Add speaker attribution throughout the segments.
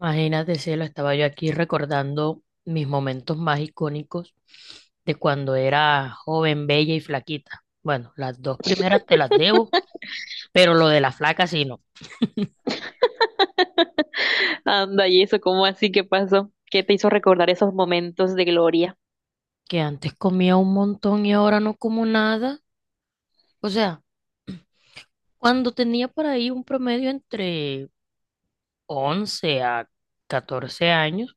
Speaker 1: Imagínate, cielo, estaba yo aquí recordando mis momentos más icónicos de cuando era joven, bella y flaquita. Bueno, las dos primeras te las debo, pero lo de la flaca sí no.
Speaker 2: Anda, y eso, ¿cómo así? ¿Qué pasó? ¿Qué te hizo recordar esos momentos de gloria?
Speaker 1: Que antes comía un montón y ahora no como nada. O sea, cuando tenía por ahí un promedio entre 11 a 14 años,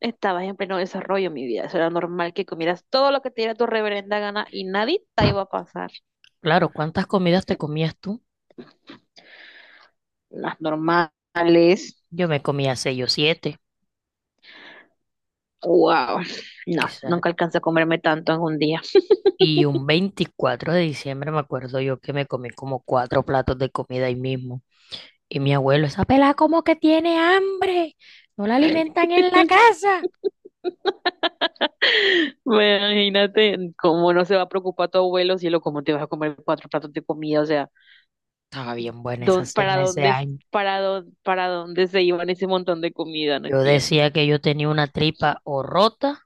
Speaker 2: Estabas en pleno desarrollo, mi vida. Eso era normal que comieras todo lo que te diera tu reverenda gana y nadie te iba a pasar.
Speaker 1: claro, ¿cuántas comidas te comías tú?
Speaker 2: Las normales.
Speaker 1: Yo me comía 6 o 7.
Speaker 2: Wow. No, nunca alcancé a comerme tanto en un día.
Speaker 1: Y un 24 de diciembre me acuerdo yo que me comí como cuatro platos de comida ahí mismo. Y mi abuelo, esa pelada como que tiene hambre, no la alimentan en la casa.
Speaker 2: Imagínate cómo no se va a preocupar tu abuelo, cielo, cómo te vas a comer cuatro platos de comida. O sea,
Speaker 1: Estaba bien buena esa
Speaker 2: don para
Speaker 1: cena ese
Speaker 2: dónde,
Speaker 1: año.
Speaker 2: para dónde se iban ese montón de comida, no
Speaker 1: Yo
Speaker 2: entiendo.
Speaker 1: decía que yo tenía una tripa o rota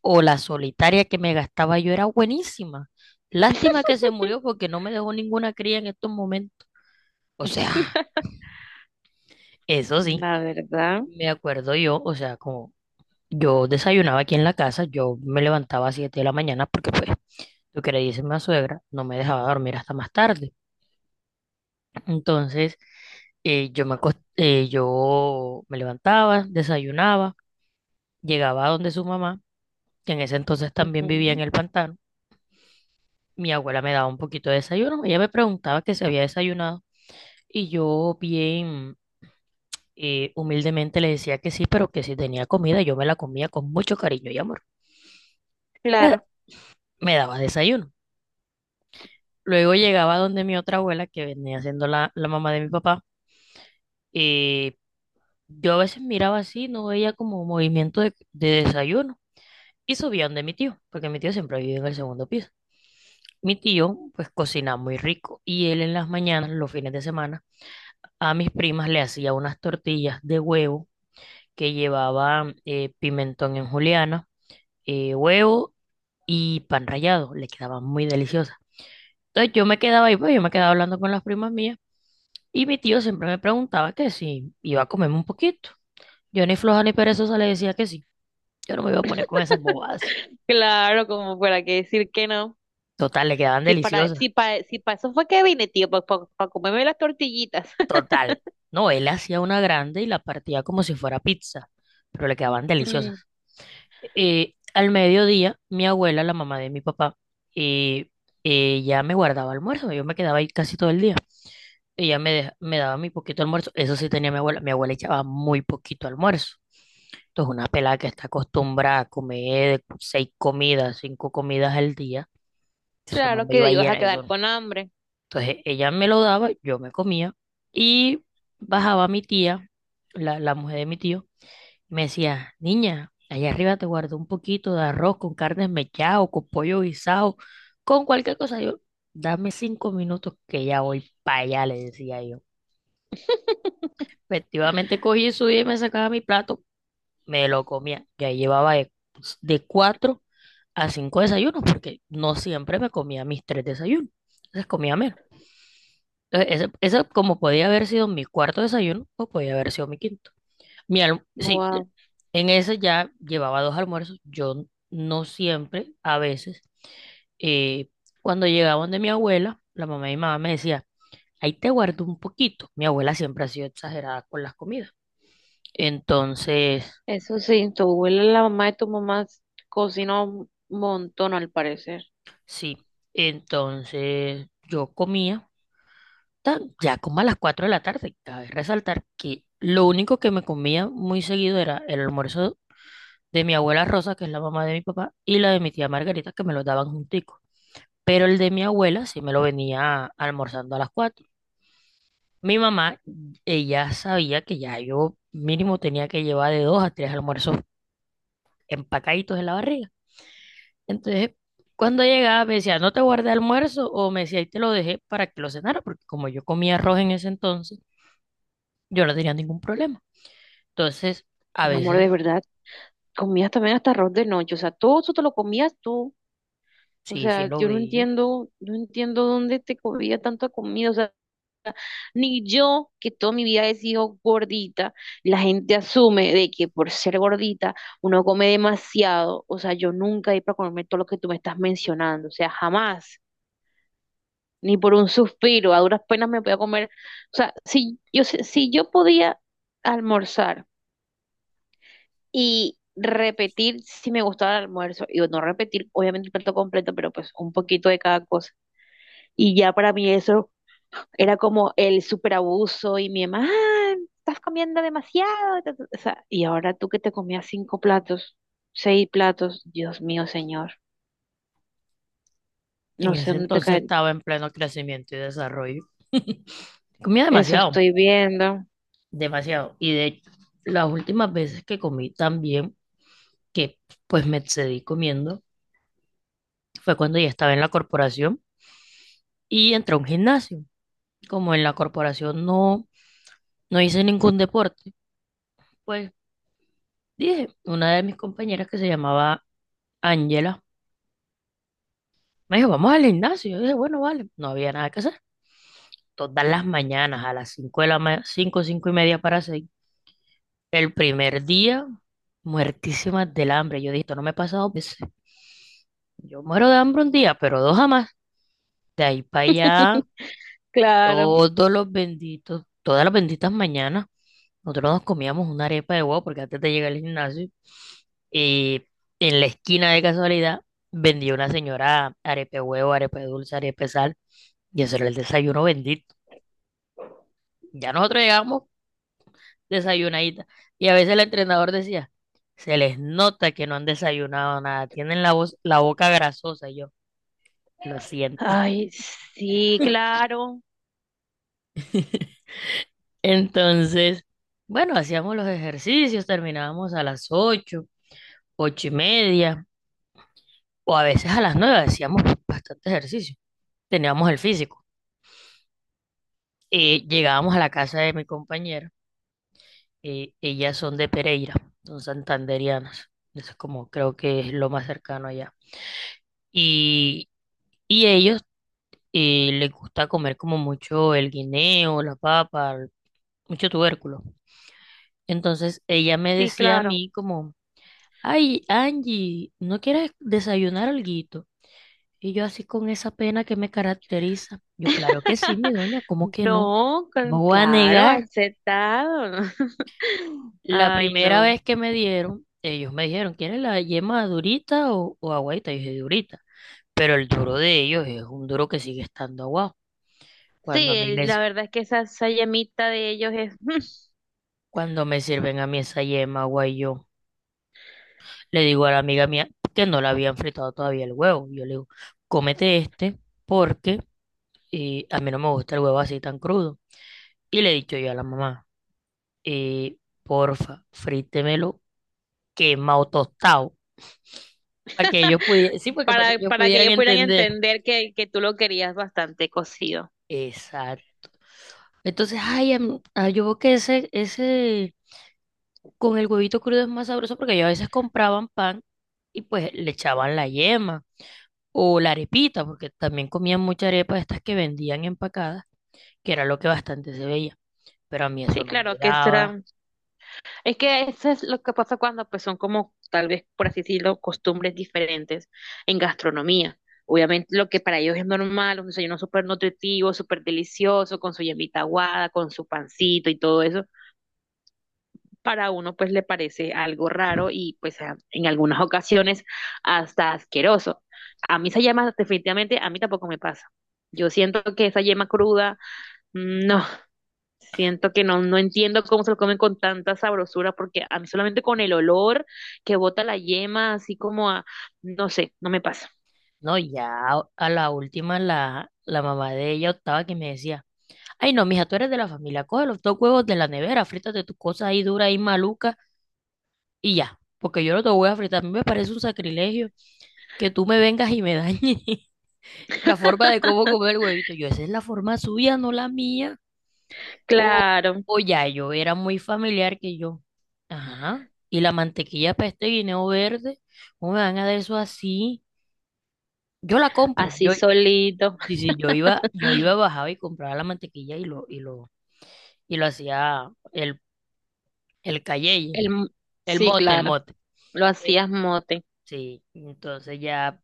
Speaker 1: o la solitaria que me gastaba yo era buenísima. Lástima que se murió porque no me dejó ninguna cría en estos momentos. O sea, eso sí,
Speaker 2: La verdad.
Speaker 1: me acuerdo yo, o sea, como. Yo desayunaba aquí en la casa, yo me levantaba a 7 de la mañana porque pues lo que le dice mi suegra no me dejaba dormir hasta más tarde. Entonces yo me levantaba, desayunaba, llegaba a donde su mamá, que en ese entonces también vivía en
Speaker 2: Ujú.
Speaker 1: el pantano. Mi abuela me daba un poquito de desayuno, ella me preguntaba que si había desayunado y yo bien humildemente le decía que sí, pero que si tenía comida yo me la comía con mucho cariño y amor. Eh,
Speaker 2: Claro,
Speaker 1: Me daba desayuno. Luego llegaba donde mi otra abuela, que venía siendo la mamá de mi papá, y yo a veces miraba así, no veía como movimiento de desayuno. Y subía donde mi tío, porque mi tío siempre vive en el segundo piso. Mi tío, pues, cocina muy rico. Y él en las mañanas, los fines de semana, a mis primas le hacía unas tortillas de huevo que llevaban pimentón en juliana, huevo y pan rallado. Le quedaban muy deliciosas. Entonces yo me quedaba ahí, pues yo me quedaba hablando con las primas mías. Y mi tío siempre me preguntaba que si iba a comerme un poquito. Yo ni floja ni perezosa le decía que sí. Yo no me iba a poner con esas bobadas.
Speaker 2: claro, como fuera que decir que no.
Speaker 1: Total, le quedaban
Speaker 2: Si para,
Speaker 1: deliciosas.
Speaker 2: si para, si para eso fue que vine, tío, para comerme las tortillitas.
Speaker 1: Total. No, él hacía una grande y la partía como si fuera pizza, pero le quedaban deliciosas.
Speaker 2: Mm,
Speaker 1: Al mediodía, mi abuela, la mamá de mi papá, eh, ella me guardaba almuerzo. Yo me quedaba ahí casi todo el día. Ella me daba mi poquito almuerzo. Eso sí tenía mi abuela. Mi abuela echaba muy poquito almuerzo. Entonces, una pelada que está acostumbrada a comer seis comidas, cinco comidas al día, eso no
Speaker 2: claro
Speaker 1: me
Speaker 2: que
Speaker 1: iba a
Speaker 2: ibas a
Speaker 1: llenar, eso
Speaker 2: quedar
Speaker 1: no.
Speaker 2: con hambre.
Speaker 1: Entonces, ella me lo daba, yo me comía y bajaba mi tía, la mujer de mi tío, y me decía, niña, allá arriba te guardo un poquito de arroz con carne mechada o con pollo guisado, con cualquier cosa. Yo, dame 5 minutos que ya voy para allá, le decía yo. Efectivamente cogí, subí, me sacaba mi plato, me lo comía. Ya llevaba de, pues, de cuatro a cinco desayunos, porque no siempre me comía mis tres desayunos. Entonces comía menos. Entonces, ese como podía haber sido mi cuarto desayuno, o podía haber sido mi quinto. Sí,
Speaker 2: Wow.
Speaker 1: en ese ya llevaba dos almuerzos. Yo no siempre, a veces, eh, cuando llegaban de mi abuela, la mamá y mi mamá me decía, ahí te guardo un poquito. Mi abuela siempre ha sido exagerada con las comidas. Entonces,
Speaker 2: Eso sí, tu abuela, la mamá de tu mamá, cocina un montón al parecer.
Speaker 1: sí, entonces yo comía ya como a las 4 de la tarde. Cabe resaltar que lo único que me comía muy seguido era el almuerzo de mi abuela Rosa, que es la mamá de mi papá, y la de mi tía Margarita, que me lo daban juntico. Pero el de mi abuela sí me lo venía almorzando a las 4. Mi mamá, ella sabía que ya yo mínimo tenía que llevar de dos a tres almuerzos empacaditos en la barriga. Entonces, cuando llegaba me decía, no te guardé almuerzo o me decía, ahí te lo dejé para que lo cenara, porque como yo comía arroz en ese entonces, yo no tenía ningún problema. Entonces, a
Speaker 2: Mi amor, de
Speaker 1: veces,
Speaker 2: verdad, comías también hasta arroz de noche, o sea, todo eso te lo comías tú. O
Speaker 1: sí, sí
Speaker 2: sea,
Speaker 1: lo
Speaker 2: yo no
Speaker 1: veía.
Speaker 2: entiendo, no entiendo dónde te comía tanta comida. O sea, ni yo, que toda mi vida he sido gordita, la gente asume de que por ser gordita uno come demasiado. O sea, yo nunca he ido para comerme todo lo que tú me estás mencionando. O sea, jamás. Ni por un suspiro, a duras penas me voy a comer. O sea, si yo podía almorzar y repetir si me gustaba el almuerzo, y no repetir, obviamente el plato completo, pero pues un poquito de cada cosa. Y ya para mí eso era como el superabuso y mi mamá, "Ah, estás comiendo demasiado. Ta, ta, ta". O sea, y ahora tú que te comías cinco platos, seis platos, Dios mío, señor,
Speaker 1: En
Speaker 2: no sé
Speaker 1: ese
Speaker 2: dónde te
Speaker 1: entonces
Speaker 2: cae.
Speaker 1: estaba en pleno crecimiento y desarrollo. Comía
Speaker 2: Eso
Speaker 1: demasiado,
Speaker 2: estoy viendo.
Speaker 1: demasiado. Y de hecho, las últimas veces que comí también, que pues me excedí comiendo, fue cuando ya estaba en la corporación y entré a un gimnasio. Como en la corporación no, no hice ningún deporte, pues dije, una de mis compañeras que se llamaba Ángela, me dijo, vamos al gimnasio. Yo dije, bueno, vale, no había nada que hacer. Todas las mañanas a las 5 de la mañana, 5 5 y media para 6. El primer día, muertísima del hambre. Yo dije, esto no me ha pasado veces. Yo muero de hambre un día, pero dos jamás. De ahí para allá,
Speaker 2: Claro.
Speaker 1: todas las benditas mañanas. Nosotros nos comíamos una arepa de huevo porque antes de llegar al gimnasio, eh, en la esquina de casualidad vendía una señora arepa de huevo, arepa de dulce, arepa de sal, y eso era el desayuno bendito. Ya nosotros llegábamos desayunadita, y a veces el entrenador decía, se les nota que no han desayunado nada, tienen la voz, la boca grasosa, y yo, lo siento.
Speaker 2: Ay, sí, claro,
Speaker 1: Entonces, bueno, hacíamos los ejercicios, terminábamos a las 8, 8 y media, o a veces a las 9 hacíamos bastante ejercicio. Teníamos el físico. Llegábamos a la casa de mi compañera. Ellas son de Pereira, son santanderianas. Eso es como creo que es lo más cercano allá. Y, y ellos les gusta comer como mucho el guineo, la papa, mucho tubérculo. Entonces ella me
Speaker 2: sí,
Speaker 1: decía a
Speaker 2: claro.
Speaker 1: mí como, ay, Angie, ¿no quieres desayunar algo? Y yo así con esa pena que me caracteriza. Yo, claro que sí, mi doña, ¿cómo que no?
Speaker 2: No,
Speaker 1: No
Speaker 2: con-
Speaker 1: voy a
Speaker 2: claro,
Speaker 1: negar.
Speaker 2: aceptado.
Speaker 1: La
Speaker 2: Ay,
Speaker 1: primera
Speaker 2: no.
Speaker 1: vez que me dieron, ellos me dijeron, ¿quieres la yema durita o agüita? Yo dije, durita. Pero el duro de ellos es un duro que sigue estando aguado. Cuando a mí
Speaker 2: Sí,
Speaker 1: me,
Speaker 2: la
Speaker 1: s-
Speaker 2: verdad es que esa llamita de ellos es
Speaker 1: cuando me sirven a mí esa yema, guay, yo le digo a la amiga mía que no la habían fritado todavía el huevo. Yo le digo, cómete este porque a mí no me gusta el huevo así tan crudo. Y le he dicho yo a la mamá. eh, porfa, frítemelo quemado tostado, para que ellos pudieran, sí, porque para que ellos
Speaker 2: para que
Speaker 1: pudieran
Speaker 2: ellos pudieran
Speaker 1: entender.
Speaker 2: entender que tú lo querías bastante cocido.
Speaker 1: Exacto. Entonces, ay, yo veo que ese con el huevito crudo es más sabroso porque ellos a veces compraban pan y pues le echaban la yema o la arepita, porque también comían mucha arepa de estas que vendían empacadas, que era lo que bastante se veía, pero a mí eso
Speaker 2: Sí,
Speaker 1: no me
Speaker 2: claro, que esto
Speaker 1: daba.
Speaker 2: era. Es que eso es lo que pasa cuando pues son como, tal vez, por así decirlo, costumbres diferentes en gastronomía. Obviamente lo que para ellos es normal, un desayuno súper nutritivo, súper delicioso, con su yemita aguada, con su pancito y todo eso, para uno pues le parece algo raro y pues a- en algunas ocasiones hasta asqueroso. A mí esa yema definitivamente, a mí tampoco me pasa. Yo siento que esa yema cruda, mm, no, siento que no, no entiendo cómo se lo comen con tanta sabrosura, porque a mí solamente con el olor que bota la yema, así como a, no sé, no me pasa.
Speaker 1: No, ya a la última la mamá de ella optaba que me decía, ay, no, mija, tú eres de la familia. Coge los dos huevos de la nevera, frítate tus cosas ahí duras y malucas y ya. Porque yo no te voy a fritar. A mí me parece un sacrilegio que tú me vengas y me dañes la forma de cómo comer el huevito. Yo, esa es la forma suya, no la mía. O,
Speaker 2: Claro,
Speaker 1: o ya, yo era muy familiar que yo. Ajá. Y la mantequilla para este guineo verde, ¿cómo me van a dar eso así? Yo la compro.
Speaker 2: así
Speaker 1: Yo,
Speaker 2: solito.
Speaker 1: sí, sí, yo iba, yo iba, bajaba y compraba la mantequilla y lo hacía el cayeye.
Speaker 2: El, mo-
Speaker 1: El
Speaker 2: sí,
Speaker 1: mote, el
Speaker 2: claro,
Speaker 1: mote.
Speaker 2: lo
Speaker 1: Eh,
Speaker 2: hacías mote.
Speaker 1: sí, entonces ya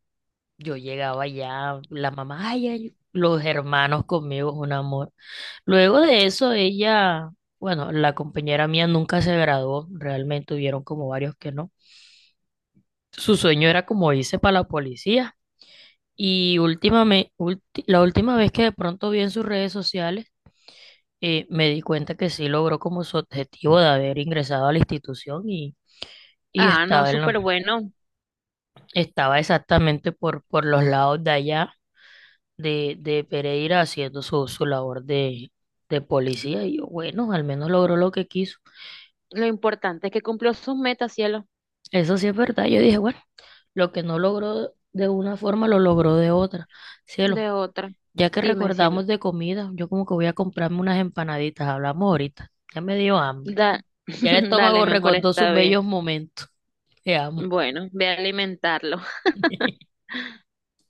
Speaker 1: yo llegaba ya, la mamá, ay, ay, los hermanos conmigo, es un amor. Luego de eso, ella, bueno, la compañera mía nunca se graduó, realmente hubieron como varios que no. Su sueño era como irse para la policía. Y últimamente, la última vez que de pronto vi en sus redes sociales, me di cuenta que sí logró como su objetivo de haber ingresado a la institución y
Speaker 2: Ah, no,
Speaker 1: estaba
Speaker 2: súper bueno.
Speaker 1: exactamente por los lados de allá de Pereira haciendo su labor de policía. Y yo, bueno, al menos logró lo que quiso.
Speaker 2: Lo importante es que cumplió sus metas, cielo.
Speaker 1: Eso sí es verdad. Yo dije, bueno, lo que no logró de una forma, lo logró de otra. Cielo,
Speaker 2: De otra.
Speaker 1: ya que
Speaker 2: Dime, cielo.
Speaker 1: recordamos de comida, yo como que voy a comprarme unas empanaditas. Hablamos ahorita. Ya me dio hambre.
Speaker 2: Da,
Speaker 1: Ya el
Speaker 2: dale,
Speaker 1: estómago
Speaker 2: mi amor,
Speaker 1: recordó sus
Speaker 2: está bien.
Speaker 1: bellos momentos. Te amo.
Speaker 2: Bueno, ve a alimentarlo.